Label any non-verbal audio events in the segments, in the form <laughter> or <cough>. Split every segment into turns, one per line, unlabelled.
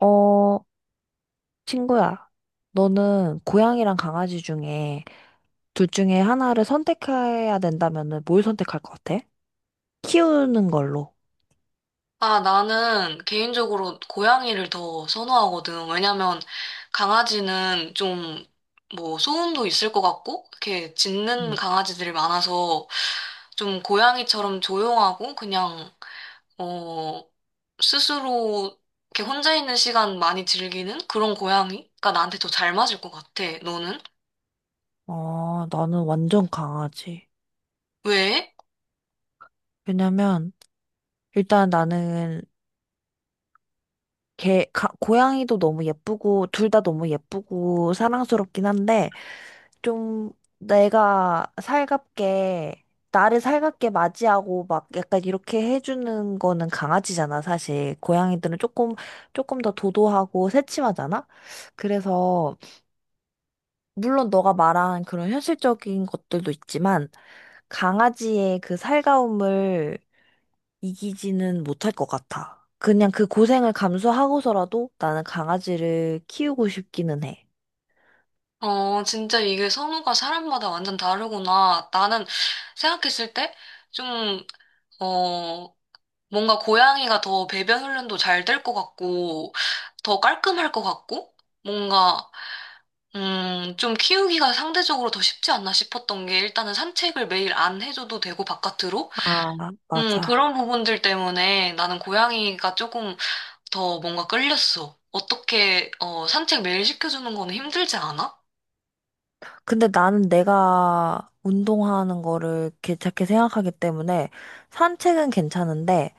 어, 친구야, 너는 고양이랑 강아지 중에 둘 중에 하나를 선택해야 된다면은 뭘 선택할 것 같아? 키우는 걸로.
아, 나는 개인적으로 고양이를 더 선호하거든. 왜냐면 강아지는 좀 뭐 소음도 있을 것 같고, 이렇게 짖는
음.
강아지들이 많아서 좀 고양이처럼 조용하고 그냥, 어, 스스로 이렇게 혼자 있는 시간 많이 즐기는 그런 고양이가 나한테 더 잘 맞을 것 같아. 너는?
어, 나는 완전 강아지.
왜?
왜냐면 일단 나는 고양이도 너무 예쁘고 둘 다 너무 예쁘고 사랑스럽긴 한데 좀 내가 살갑게, 나를 살갑게 맞이하고 막 약간 이렇게 해주는 거는 강아지잖아, 사실. 고양이들은 조금 더 도도하고 새침하잖아? 그래서, 물론 너가 말한 그런 현실적인 것들도 있지만, 강아지의 그 살가움을 이기지는 못할 것 같아. 그냥 그 고생을 감수하고서라도 나는 강아지를 키우고 싶기는 해.
진짜 이게 선호가 사람마다 완전 다르구나. 나는 생각했을 때 좀, 어, 뭔가 고양이가 더 배변 훈련도 잘 될 것 같고, 더 깔끔할 것 같고, 뭔가, 좀 키우기가 상대적으로 더 쉽지 않나 싶었던 게 일단은 산책을 매일 안 해줘도 되고, 바깥으로?
아, 맞아.
그런 부분들 때문에 나는 고양이가 조금 더 뭔가 끌렸어. 어떻게, 산책 매일 시켜주는 건 힘들지 않아?
근데 나는 내가 운동하는 거를 괜찮게 생각하기 때문에 산책은 괜찮은데,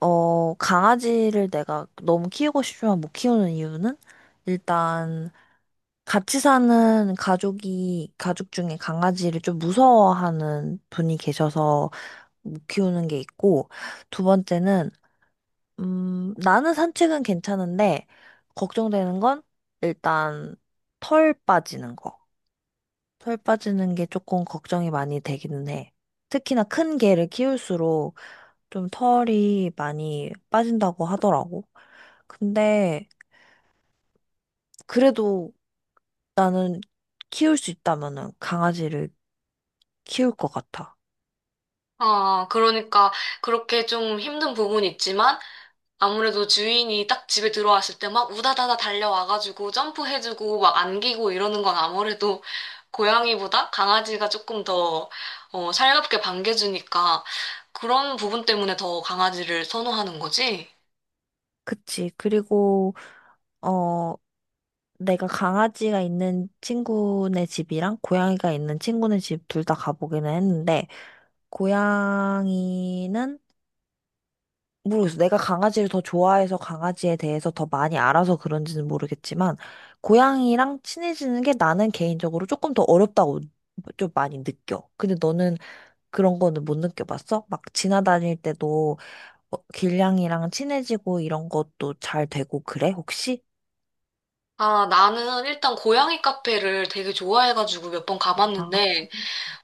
강아지를 내가 너무 키우고 싶지만 못 키우는 이유는 일단 같이 사는 가족 중에 강아지를 좀 무서워하는 분이 계셔서 못 키우는 게 있고, 두 번째는, 나는 산책은 괜찮은데, 걱정되는 건 일단 털 빠지는 거. 털 빠지는 게 조금 걱정이 많이 되기는 해. 특히나 큰 개를 키울수록 좀 털이 많이 빠진다고 하더라고. 근데 그래도 나는 키울 수 있다면은 강아지를 키울 것 같아.
아, 그러니까 그렇게 좀 힘든 부분이 있지만, 아무래도 주인이 딱 집에 들어왔을 때 막 우다다다 달려와가지고 점프해주고 막 안기고 이러는 건 아무래도 고양이보다 강아지가 조금 더 살갑게 반겨주니까 그런 부분 때문에 더 강아지를 선호하는 거지.
그치. 어, 내가 강아지가 있는 친구네 집이랑 고양이가 있는 친구네 집 둘 다 가보기는 했는데, 고양이는 모르겠어. 내가 강아지를 더 좋아해서 강아지에 대해서 더 많이 알아서 그런지는 모르겠지만, 고양이랑 친해지는 게 나는 개인적으로 조금 더 어렵다고 좀 많이 느껴. 근데 너는 그런 거는 못 느껴봤어? 막 지나다닐 때도 어, 길냥이랑 친해지고 이런 것도 잘 되고 그래, 혹시?
아, 나는 일단 고양이 카페를 되게 좋아해가지고 몇 번
아,
가봤는데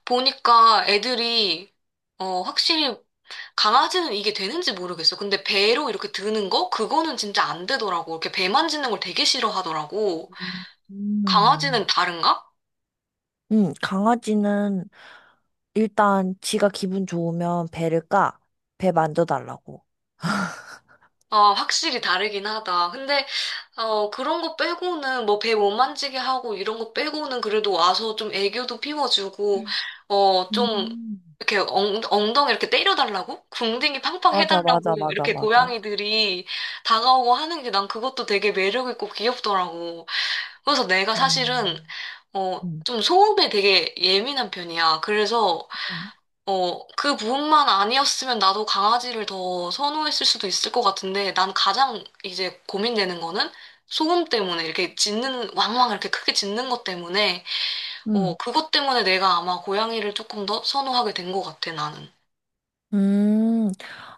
보니까 애들이 확실히 강아지는 이게 되는지 모르겠어. 근데 배로 이렇게 드는 거? 그거는 진짜 안 되더라고. 이렇게 배 만지는 걸 되게 싫어하더라고.
음.
강아지는 다른가?
강아지는 일단 지가 기분 좋으면 배를 까. 배 만져달라고.
아, 확실히 다르긴 하다. 근데, 그런 거 빼고는, 뭐, 배 못 만지게 하고, 이런 거 빼고는 그래도 와서 좀 애교도 피워주고, 좀,
음.
이렇게 엉덩이 이렇게 때려달라고? 궁둥이 팡팡
맞아,
해달라고,
맞아, 맞아,
이렇게
맞아.
고양이들이 다가오고 하는 게 난 그것도 되게 매력있고 귀엽더라고. 그래서 내가 사실은,
음.
어,
음,
좀 소음에 되게 예민한 편이야. 그래서, 그 부분만 아니었으면 나도 강아지를 더 선호했을 수도 있을 것 같은데, 난 가장 이제 고민되는 거는 소음 때문에, 이렇게 짖는, 왕왕 이렇게 크게 짖는 것 때문에,
음,
그것 때문에 내가 아마 고양이를 조금 더 선호하게 된 것 같아, 나는.
음,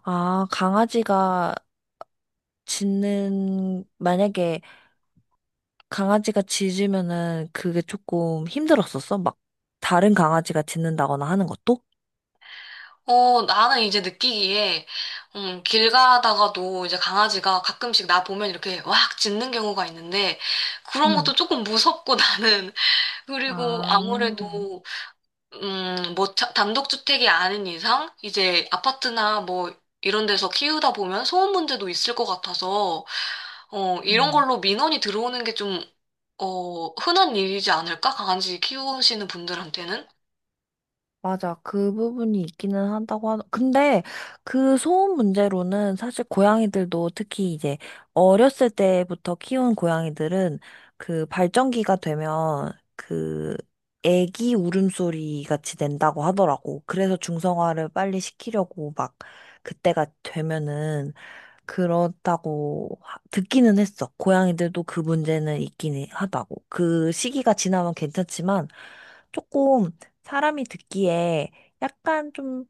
아, 강아지가 만약에 강아지가 짖으면은 그게 조금 힘들었었어? 막, 다른 강아지가 짖는다거나 하는 것도?
어, 나는 이제 느끼기에, 길 가다가도 이제 강아지가 가끔씩 나 보면 이렇게 왁 짖는 경우가 있는데, 그런 것도
음.
조금 무섭고 <laughs> 나는, 그리고
아,
아무래도 뭐, 단독주택이 아닌 이상, 이제 아파트나 뭐, 이런 데서 키우다 보면 소음 문제도 있을 것 같아서, 이런
음.
걸로 민원이 들어오는 게 좀, 흔한 일이지 않을까? 강아지 키우시는 분들한테는?
맞아. 그 부분이 있기는 한다고 근데 그 소음 문제로는 사실 고양이들도 특히 이제 어렸을 때부터 키운 고양이들은 그 발전기가 되면 그 애기 울음소리 같이 낸다고 하더라고. 그래서 중성화를 빨리 시키려고 막 그때가 되면은 그렇다고 듣기는 했어. 고양이들도 그 문제는 있긴 하다고. 그 시기가 지나면 괜찮지만 조금 사람이 듣기에 약간 좀,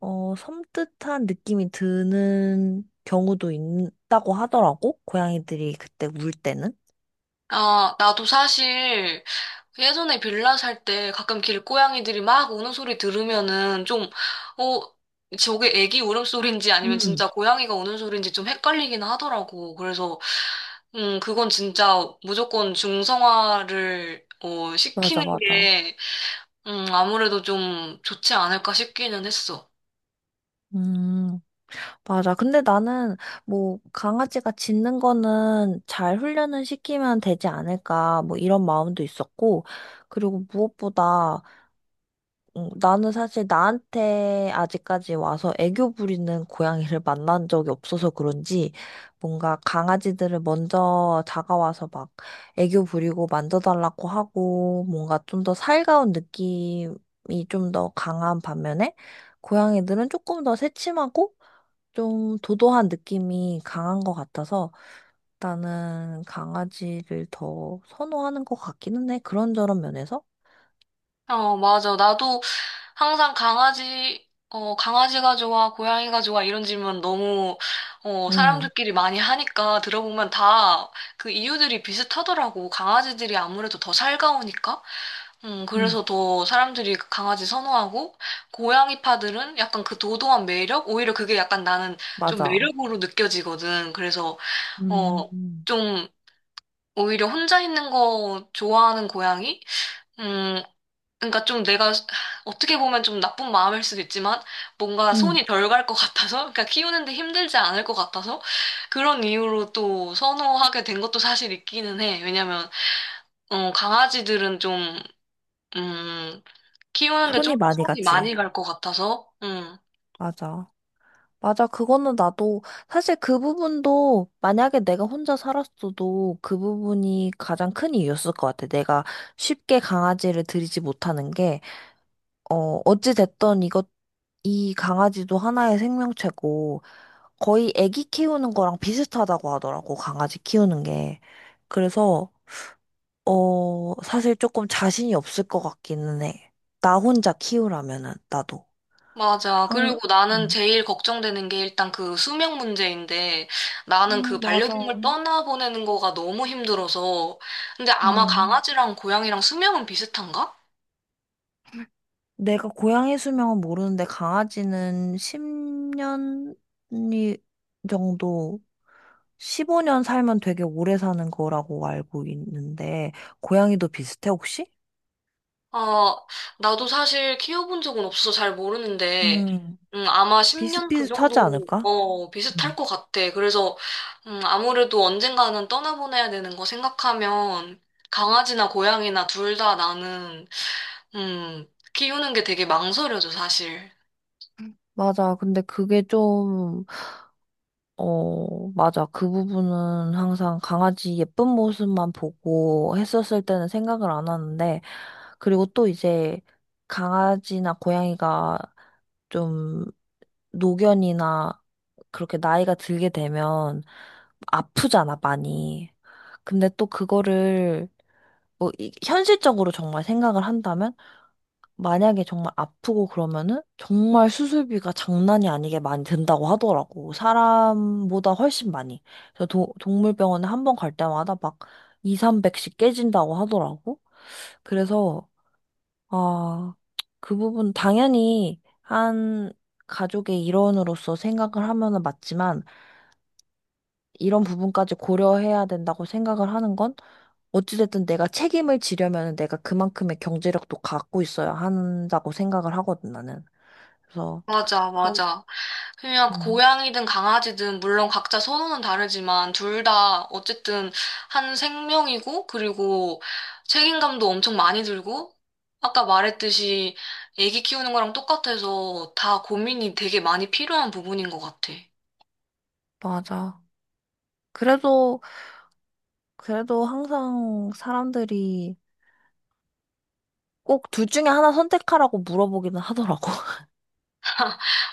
섬뜩한 느낌이 드는 경우도 있다고 하더라고. 고양이들이 그때 울 때는.
아, 나도 사실, 그 예전에 빌라 살 때 가끔 길고양이들이 막 우는 소리 들으면은 좀, 어, 저게 애기 울음소리인지 아니면
음,
진짜 고양이가 우는 소리인지 좀 헷갈리긴 하더라고. 그래서, 그건 진짜 무조건 중성화를,
맞아,
시키는
맞아.
게, 아무래도 좀 좋지 않을까 싶기는 했어.
음, 맞아. 근데 나는 뭐 강아지가 짖는 거는 잘 훈련을 시키면 되지 않을까 뭐 이런 마음도 있었고 그리고 무엇보다 나는 사실 나한테 아직까지 와서 애교 부리는 고양이를 만난 적이 없어서 그런지 뭔가 강아지들을 먼저 다가와서 막 애교 부리고 만져달라고 하고 뭔가 좀 더 살가운 느낌이 좀 더 강한 반면에 고양이들은 조금 더 새침하고 좀 도도한 느낌이 강한 것 같아서 나는 강아지를 더 선호하는 것 같기는 해. 그런저런 면에서.
어, 맞아. 나도 항상 강아지가 좋아, 고양이가 좋아, 이런 질문 너무,
응,
사람들끼리 많이 하니까 들어보면 다 그 이유들이 비슷하더라고. 강아지들이 아무래도 더 살가우니까.
응,
그래서 더 사람들이 그 강아지 선호하고, 고양이파들은 약간 그 도도한 매력? 오히려 그게 약간 나는 좀
맞아.
매력으로 느껴지거든. 그래서, 어,
음,
좀, 오히려 혼자 있는 거 좋아하는 고양이? 음, 그러니까 좀 내가 어떻게 보면 좀 나쁜 마음일 수도 있지만 뭔가
응.
손이 덜 갈 것 같아서 그러니까 키우는데 힘들지 않을 것 같아서 그런 이유로 또 선호하게 된 것도 사실 있기는 해. 왜냐면 강아지들은 좀 음, 키우는데 좀
손이
더
많이
손이
갔지
많이 갈 것 같아서.
맞아. 맞아. 그거는 나도 사실 그 부분도 만약에 내가 혼자 살았어도 그 부분이 가장 큰 이유였을 것 같아. 내가 쉽게 강아지를 들이지 못하는 게, 어, 어찌됐던 이것 이 강아지도 하나의 생명체고, 거의 애기 키우는 거랑 비슷하다고 하더라고, 강아지 키우는 게. 그래서, 어, 사실 조금 자신이 없을 것 같기는 해. 나 혼자 키우라면은, 나도.
맞아.
한,
그리고 나는
음,
제일 걱정되는 게 일단 그 수명 문제인데 나는 그
맞아.
반려동물 떠나보내는 거가 너무 힘들어서 근데 아마
음.
강아지랑 고양이랑 수명은 비슷한가?
내가 고양이 수명은 모르는데, 강아지는 10년 정도, 15년 살면 되게 오래 사는 거라고 알고 있는데, 고양이도 비슷해, 혹시?
아, 나도 사실 키워본 적은 없어서 잘 모르는데,
음,
아마 10년 그
비슷비슷하지
정도,
않을까?
어, 비슷할
음.
것 같아. 그래서, 아무래도 언젠가는 떠나보내야 되는 거 생각하면, 강아지나 고양이나 둘 다 나는, 음, 키우는 게 되게 망설여져, 사실.
맞아. 근데 그게 좀, 어, 맞아. 그 부분은 항상 강아지 예쁜 모습만 보고 했었을 때는 생각을 안 하는데, 그리고 또 이제 강아지나 고양이가 좀 노견이나 그렇게 나이가 들게 되면 아프잖아, 많이. 근데 또 그거를 뭐 현실적으로 정말 생각을 한다면 만약에 정말 아프고 그러면은 정말 수술비가 장난이 아니게 많이 든다고 하더라고. 사람보다 훨씬 많이. 그래서 동물병원에 한번 갈 때마다 막 2, 300씩 깨진다고 하더라고. 그래서, 아, 그 부분 당연히 한 가족의 일원으로서 생각을 하면은 맞지만 이런 부분까지 고려해야 된다고 생각을 하는 건 어찌됐든 내가 책임을 지려면 내가 그만큼의 경제력도 갖고 있어야 한다고 생각을 하거든, 나는. 그래서
맞아,
그런
맞아. 그냥
음,
고양이든 강아지든 물론 각자 선호는 다르지만 둘 다 어쨌든 한 생명이고 그리고 책임감도 엄청 많이 들고 아까 말했듯이 애기 키우는 거랑 똑같아서 다 고민이 되게 많이 필요한 부분인 것 같아.
맞아. 그래도 그래도 항상 사람들이 꼭 둘 중에 하나 선택하라고 물어보기는 하더라고. <laughs>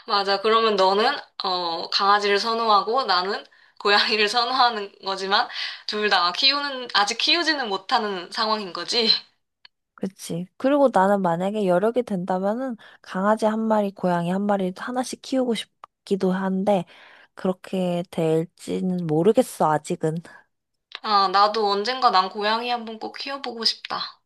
맞아. 그러면 너는 강아지를 선호하고 나는 고양이를 선호하는 거지만 둘 다 키우는 아직 키우지는 못하는 상황인 거지?
그치. 그리고 나는 만약에 여력이 된다면은 강아지 한 마리, 고양이 한 마리 하나씩 키우고 싶기도 한데 그렇게 될지는 모르겠어, 아직은.
아, 나도 언젠가 난 고양이 한번 꼭 키워보고 싶다.